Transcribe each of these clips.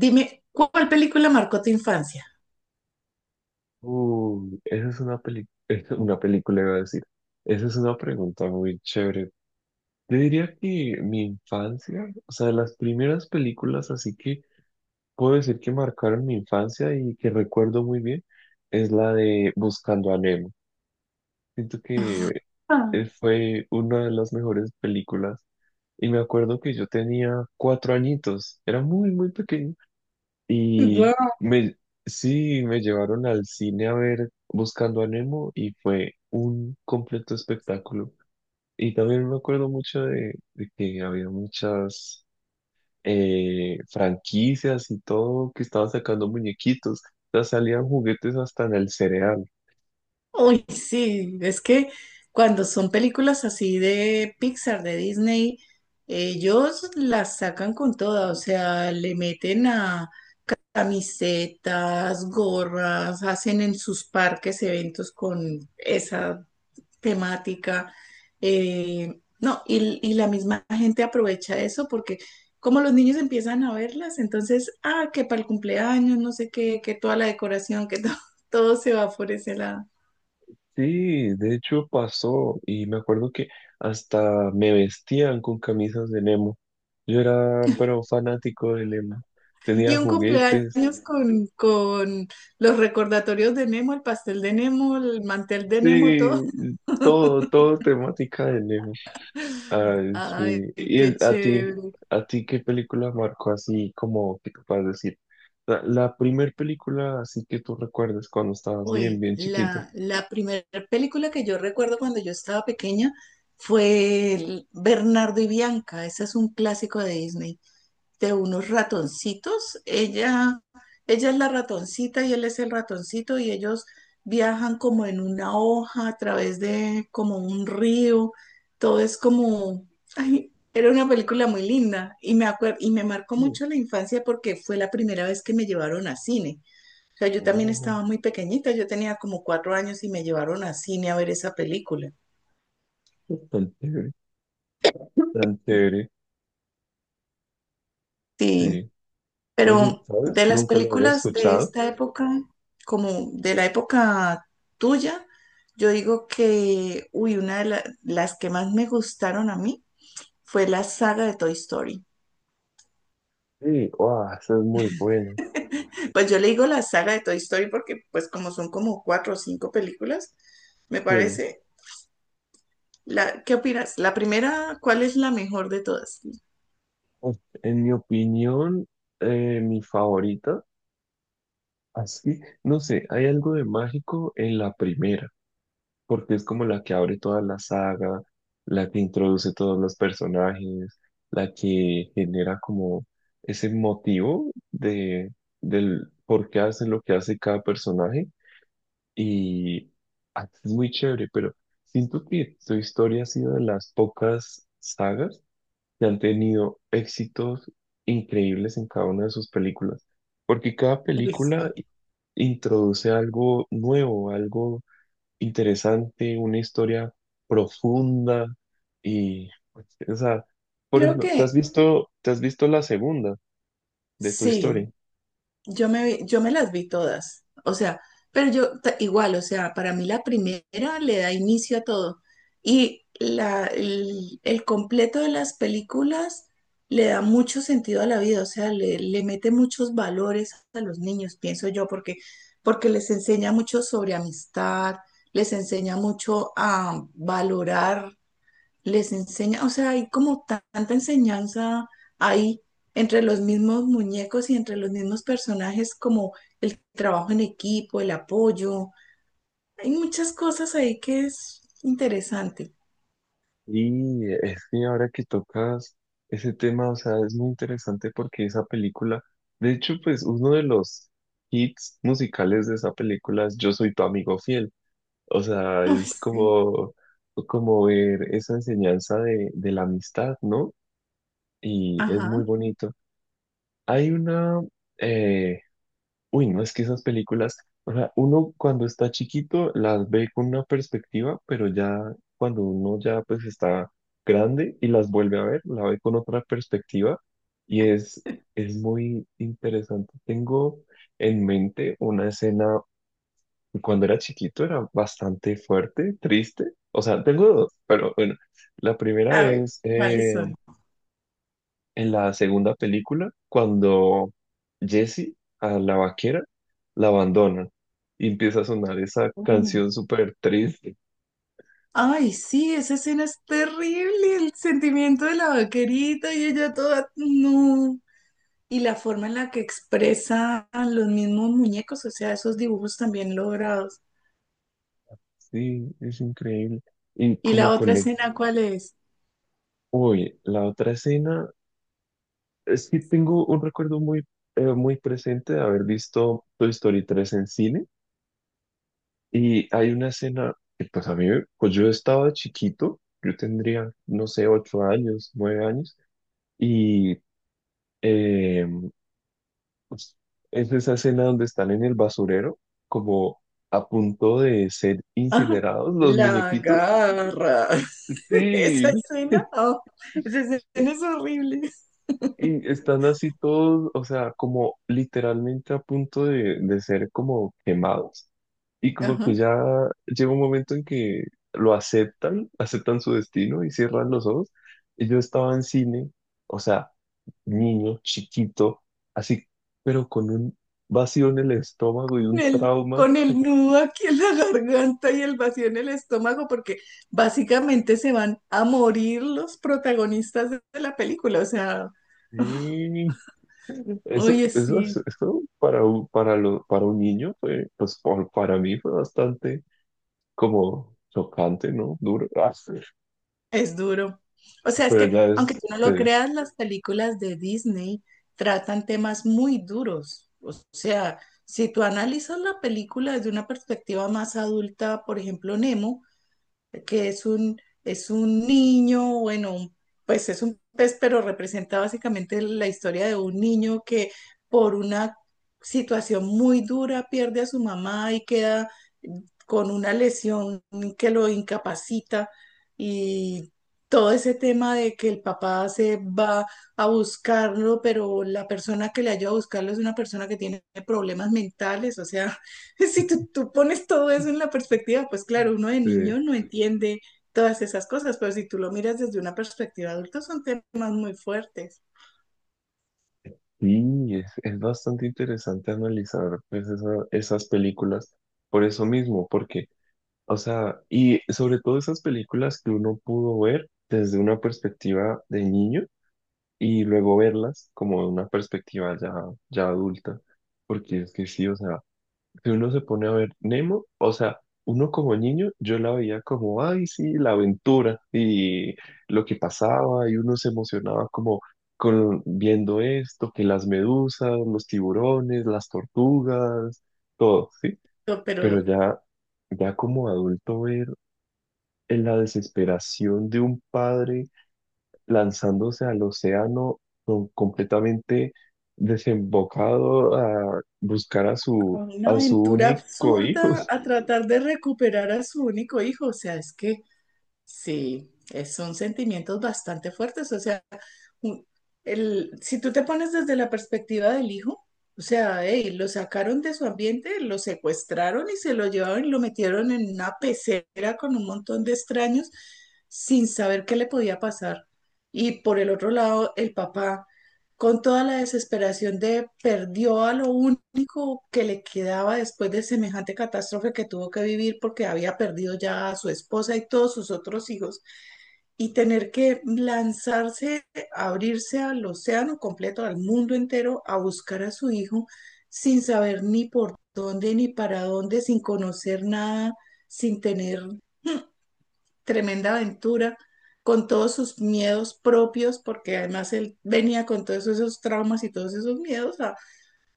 Dime, ¿cuál película marcó tu infancia? Uy, esa es una peli- una película, iba a decir. Esa es una pregunta muy chévere. Yo diría que mi infancia, o sea, las primeras películas, así que puedo decir que marcaron mi infancia y que recuerdo muy bien, es la de Buscando a Nemo. Siento que fue una de las mejores películas y me acuerdo que yo tenía 4 añitos, era muy, muy pequeño. Y Wow. me, sí, me llevaron al cine a ver Buscando a Nemo y fue un completo espectáculo. Y también me acuerdo mucho de que había muchas franquicias y todo que estaban sacando muñequitos. O sea, salían juguetes hasta en el cereal. Uy, sí, es que cuando son películas así de Pixar, de Disney, ellos las sacan con toda, o sea, le meten a camisetas, gorras, hacen en sus parques eventos con esa temática. No, Y la misma gente aprovecha eso porque como los niños empiezan a verlas, entonces, ah, que para el cumpleaños, no sé qué, que toda la decoración, todo se va por ese lado. Sí, de hecho pasó y me acuerdo que hasta me vestían con camisas de Nemo. Yo era, pero fanático de Nemo. Y Tenía un juguetes. cumpleaños con los recordatorios de Nemo, el pastel de Nemo, el mantel de Nemo, Sí, todo. todo, todo temática de Leo. Ay, sí. Ay, ¿Y qué chévere. a ti qué película marcó así como que te puedas decir? La primer película así que tú recuerdas cuando estabas bien, Uy, bien chiquita. La primera película que yo recuerdo cuando yo estaba pequeña fue el Bernardo y Bianca. Ese es un clásico de Disney, de unos ratoncitos. Ella es la ratoncita y él es el ratoncito y ellos viajan como en una hoja a través de como un río. Todo es como, ay, era una película muy linda y y me marcó Mm. mucho la infancia porque fue la primera vez que me llevaron a cine. O sea, yo también Oh, estaba muy pequeñita, yo tenía como cuatro años y me llevaron a cine a ver esa película. tan chévere, tan chévere. Sí. Sí. Oye, Pero ¿sabes? de las Nunca lo había películas de escuchado. esta época, como de la época tuya, yo digo que, uy, las que más me gustaron a mí fue la saga de Toy Story. Sí, wow, esa es muy buena. Pues yo le digo la saga de Toy Story porque, pues como son como cuatro o cinco películas, me Sí. parece. La, ¿qué opinas? La primera, ¿cuál es la mejor de todas? Uf, en mi opinión, mi favorita, así, no sé, hay algo de mágico en la primera, porque es como la que abre toda la saga, la que introduce todos los personajes, la que genera como ese motivo del por qué hace lo que hace cada personaje y ah, es muy chévere, pero siento que su historia ha sido de las pocas sagas que han tenido éxitos increíbles en cada una de sus películas, porque cada Uy, película sí. introduce algo nuevo, algo interesante, una historia profunda y, o sea, por Creo ejemplo, que ¿te has visto la segunda de tu sí. historia? Yo me las vi todas, o sea, pero igual, o sea, para mí la primera le da inicio a todo y el completo de las películas le da mucho sentido a la vida, o sea, le mete muchos valores a los niños, pienso yo, porque les enseña mucho sobre amistad, les enseña mucho a valorar, les enseña, o sea, hay como tanta enseñanza ahí entre los mismos muñecos y entre los mismos personajes, como el trabajo en equipo, el apoyo. Hay muchas cosas ahí que es interesante. Y es que ahora que tocas ese tema, o sea, es muy interesante porque esa película, de hecho, pues uno de los hits musicales de esa película es Yo soy tu amigo fiel. O sea, Uy, es sí, como, como ver esa enseñanza de la amistad, ¿no? Y es ajá. muy bonito. Hay una, eh, uy, no, es que esas películas, o sea, uno cuando está chiquito las ve con una perspectiva, pero ya cuando uno ya pues está grande y las vuelve a ver, la ve con otra perspectiva y es muy interesante. Tengo en mente una escena, cuando era chiquito era bastante fuerte, triste, o sea, tengo dos, pero bueno, la primera A ver, es ¿cuáles son? en la segunda película cuando Jessie a la vaquera la abandona y empieza a sonar esa Uh. canción súper triste. Ay, sí, esa escena es terrible, el sentimiento de la vaquerita y ella toda, no. Y la forma en la que expresan los mismos muñecos, o sea, esos dibujos también logrados. Sí, es increíble. Y ¿Y la como otra conecta. escena cuál es? Uy, la otra escena es que tengo un recuerdo muy, muy presente de haber visto Toy Story 3 en cine y hay una escena que pues a mí, pues yo estaba chiquito, yo tendría, no sé, 8 años, 9 años y... eh, Pues, es esa escena donde están en el basurero, como a punto de ser Ajá. incinerados los La muñequitos. garra. Esa Sí. escena, oh, esa escena es horrible. Y están así todos, o sea, como literalmente a punto de ser como quemados. Y como que Ajá. ya llega un momento en que lo aceptan, aceptan su destino y cierran los ojos. Y yo estaba en cine, o sea, niño, chiquito, así, pero con un vacío en el estómago y un trauma. Con el nudo aquí en la garganta y el vacío en el estómago, porque básicamente se van a morir los protagonistas de la película. O sea, oh, Sí, eso, oye, eso, es- sí. eso para, un- para, lo- para un niño fue, para mí fue bastante como chocante, ¿no? Duro. Ah, sí. Es duro. O sea, es Pero que ya aunque es, tú no lo eh, creas, las películas de Disney tratan temas muy duros. O sea, si tú analizas la película desde una perspectiva más adulta, por ejemplo, Nemo, que es un, es un niño, bueno, pues es un pez, pero representa básicamente la historia de un niño que por una situación muy dura pierde a su mamá y queda con una lesión que lo incapacita y todo ese tema de que el papá se va a buscarlo, pero la persona que le ayuda a buscarlo es una persona que tiene problemas mentales, o sea, Si tú, tú pones todo eso en la perspectiva, pues claro, uno de niño eh, no entiende todas esas cosas, pero si tú lo miras desde una perspectiva adulta, son temas muy fuertes. sí, es bastante interesante analizar pues, esas películas por eso mismo, porque, o sea, y sobre todo esas películas que uno pudo ver desde una perspectiva de niño y luego verlas como de una perspectiva ya, ya adulta, porque es que sí, o sea, si uno se pone a ver Nemo, o sea, uno como niño, yo la veía como, ay, sí, la aventura y lo que pasaba, y uno se emocionaba como con, viendo esto, que las medusas, los tiburones, las tortugas, todo, ¿sí? Pero Pero pero ya, ya como adulto ver en la desesperación de un padre lanzándose al océano completamente desembocado a buscar a una a su aventura único hijo. absurda a tratar de recuperar a su único hijo, o sea, es que sí, son sentimientos bastante fuertes. O sea, un- si tú te pones desde la perspectiva del hijo, o sea, ey, lo sacaron de su ambiente, lo secuestraron y se lo llevaron y lo metieron en una pecera con un montón de extraños sin saber qué le podía pasar. Y por el otro lado, el papá con toda la desesperación de perdió a lo único que le quedaba después de semejante catástrofe que tuvo que vivir porque había perdido ya a su esposa y todos sus otros hijos, y tener que lanzarse, abrirse al océano completo, al mundo entero, a buscar a su hijo sin saber ni por dónde ni para dónde, sin conocer nada, sin tener tremenda aventura con todos sus miedos propios, porque además él venía con todos esos traumas y todos esos miedos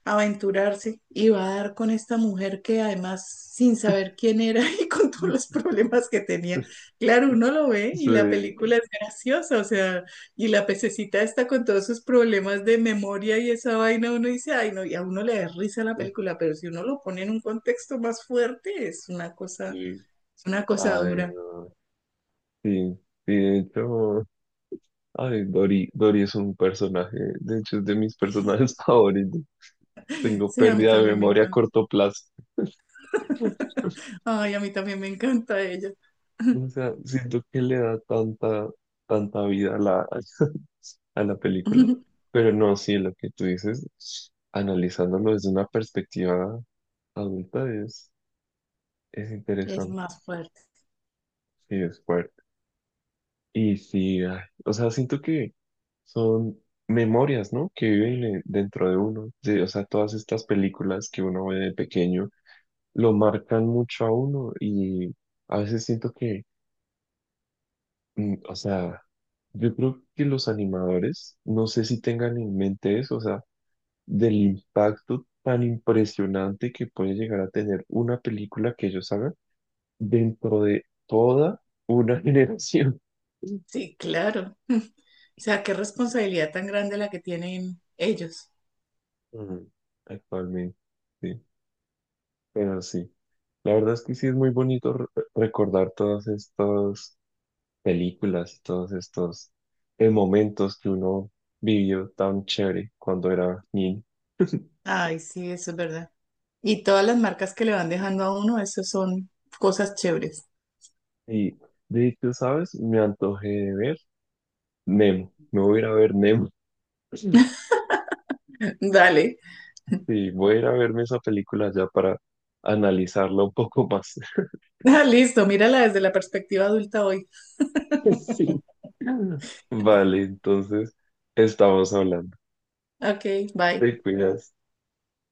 a aventurarse y va a dar con esta mujer que además sin saber quién era y con todos los problemas que tenía. Claro, uno lo ve y la Sí, película es graciosa, o sea, y la pececita está con todos sus problemas de memoria y esa vaina, uno dice, ay no, y a uno le da risa la película, pero si uno lo pone en un contexto más fuerte, sí. es una cosa Ay, dura. no. Sí, sí, de hecho, ay, Dory, Dory es un personaje, de hecho es de mis personajes favoritos. Tengo Sí, a mí pérdida de también me memoria a encanta. corto plazo. Ay, a mí también me encanta ella. O sea, siento que le da tanta, tanta vida a a la película. Pero no, sí, lo que tú dices, analizándolo desde una perspectiva adulta es Es interesante más fuerte. y es fuerte. Y sí, ay, o sea, siento que son memorias, ¿no? Que viven dentro de uno. O sea, todas estas películas que uno ve de pequeño lo marcan mucho a uno y a veces siento que o sea, yo creo que los animadores, no sé si tengan en mente eso, o sea, del impacto tan impresionante que puede llegar a tener una película que ellos hagan dentro de toda una generación Sí, claro. O sea, qué responsabilidad tan grande la que tienen ellos. Mm, actualmente. Sí, pero sí. La verdad es que sí es muy bonito recordar todas estas películas y todos estos momentos que uno vivió tan chévere cuando era niño. Ay, sí, eso es verdad. Y todas las marcas que le van dejando a uno, eso son cosas chéveres. Y de hecho, ¿sabes? Me antojé de ver Nemo. Me voy a ir a ver Nemo. Sí, Dale. sí, voy a ir a verme esa película ya para analizarla un poco más. Ah, listo, mírala desde la perspectiva adulta hoy. Sí. Vale, entonces estamos hablando. Ok, bye. Te cuidas.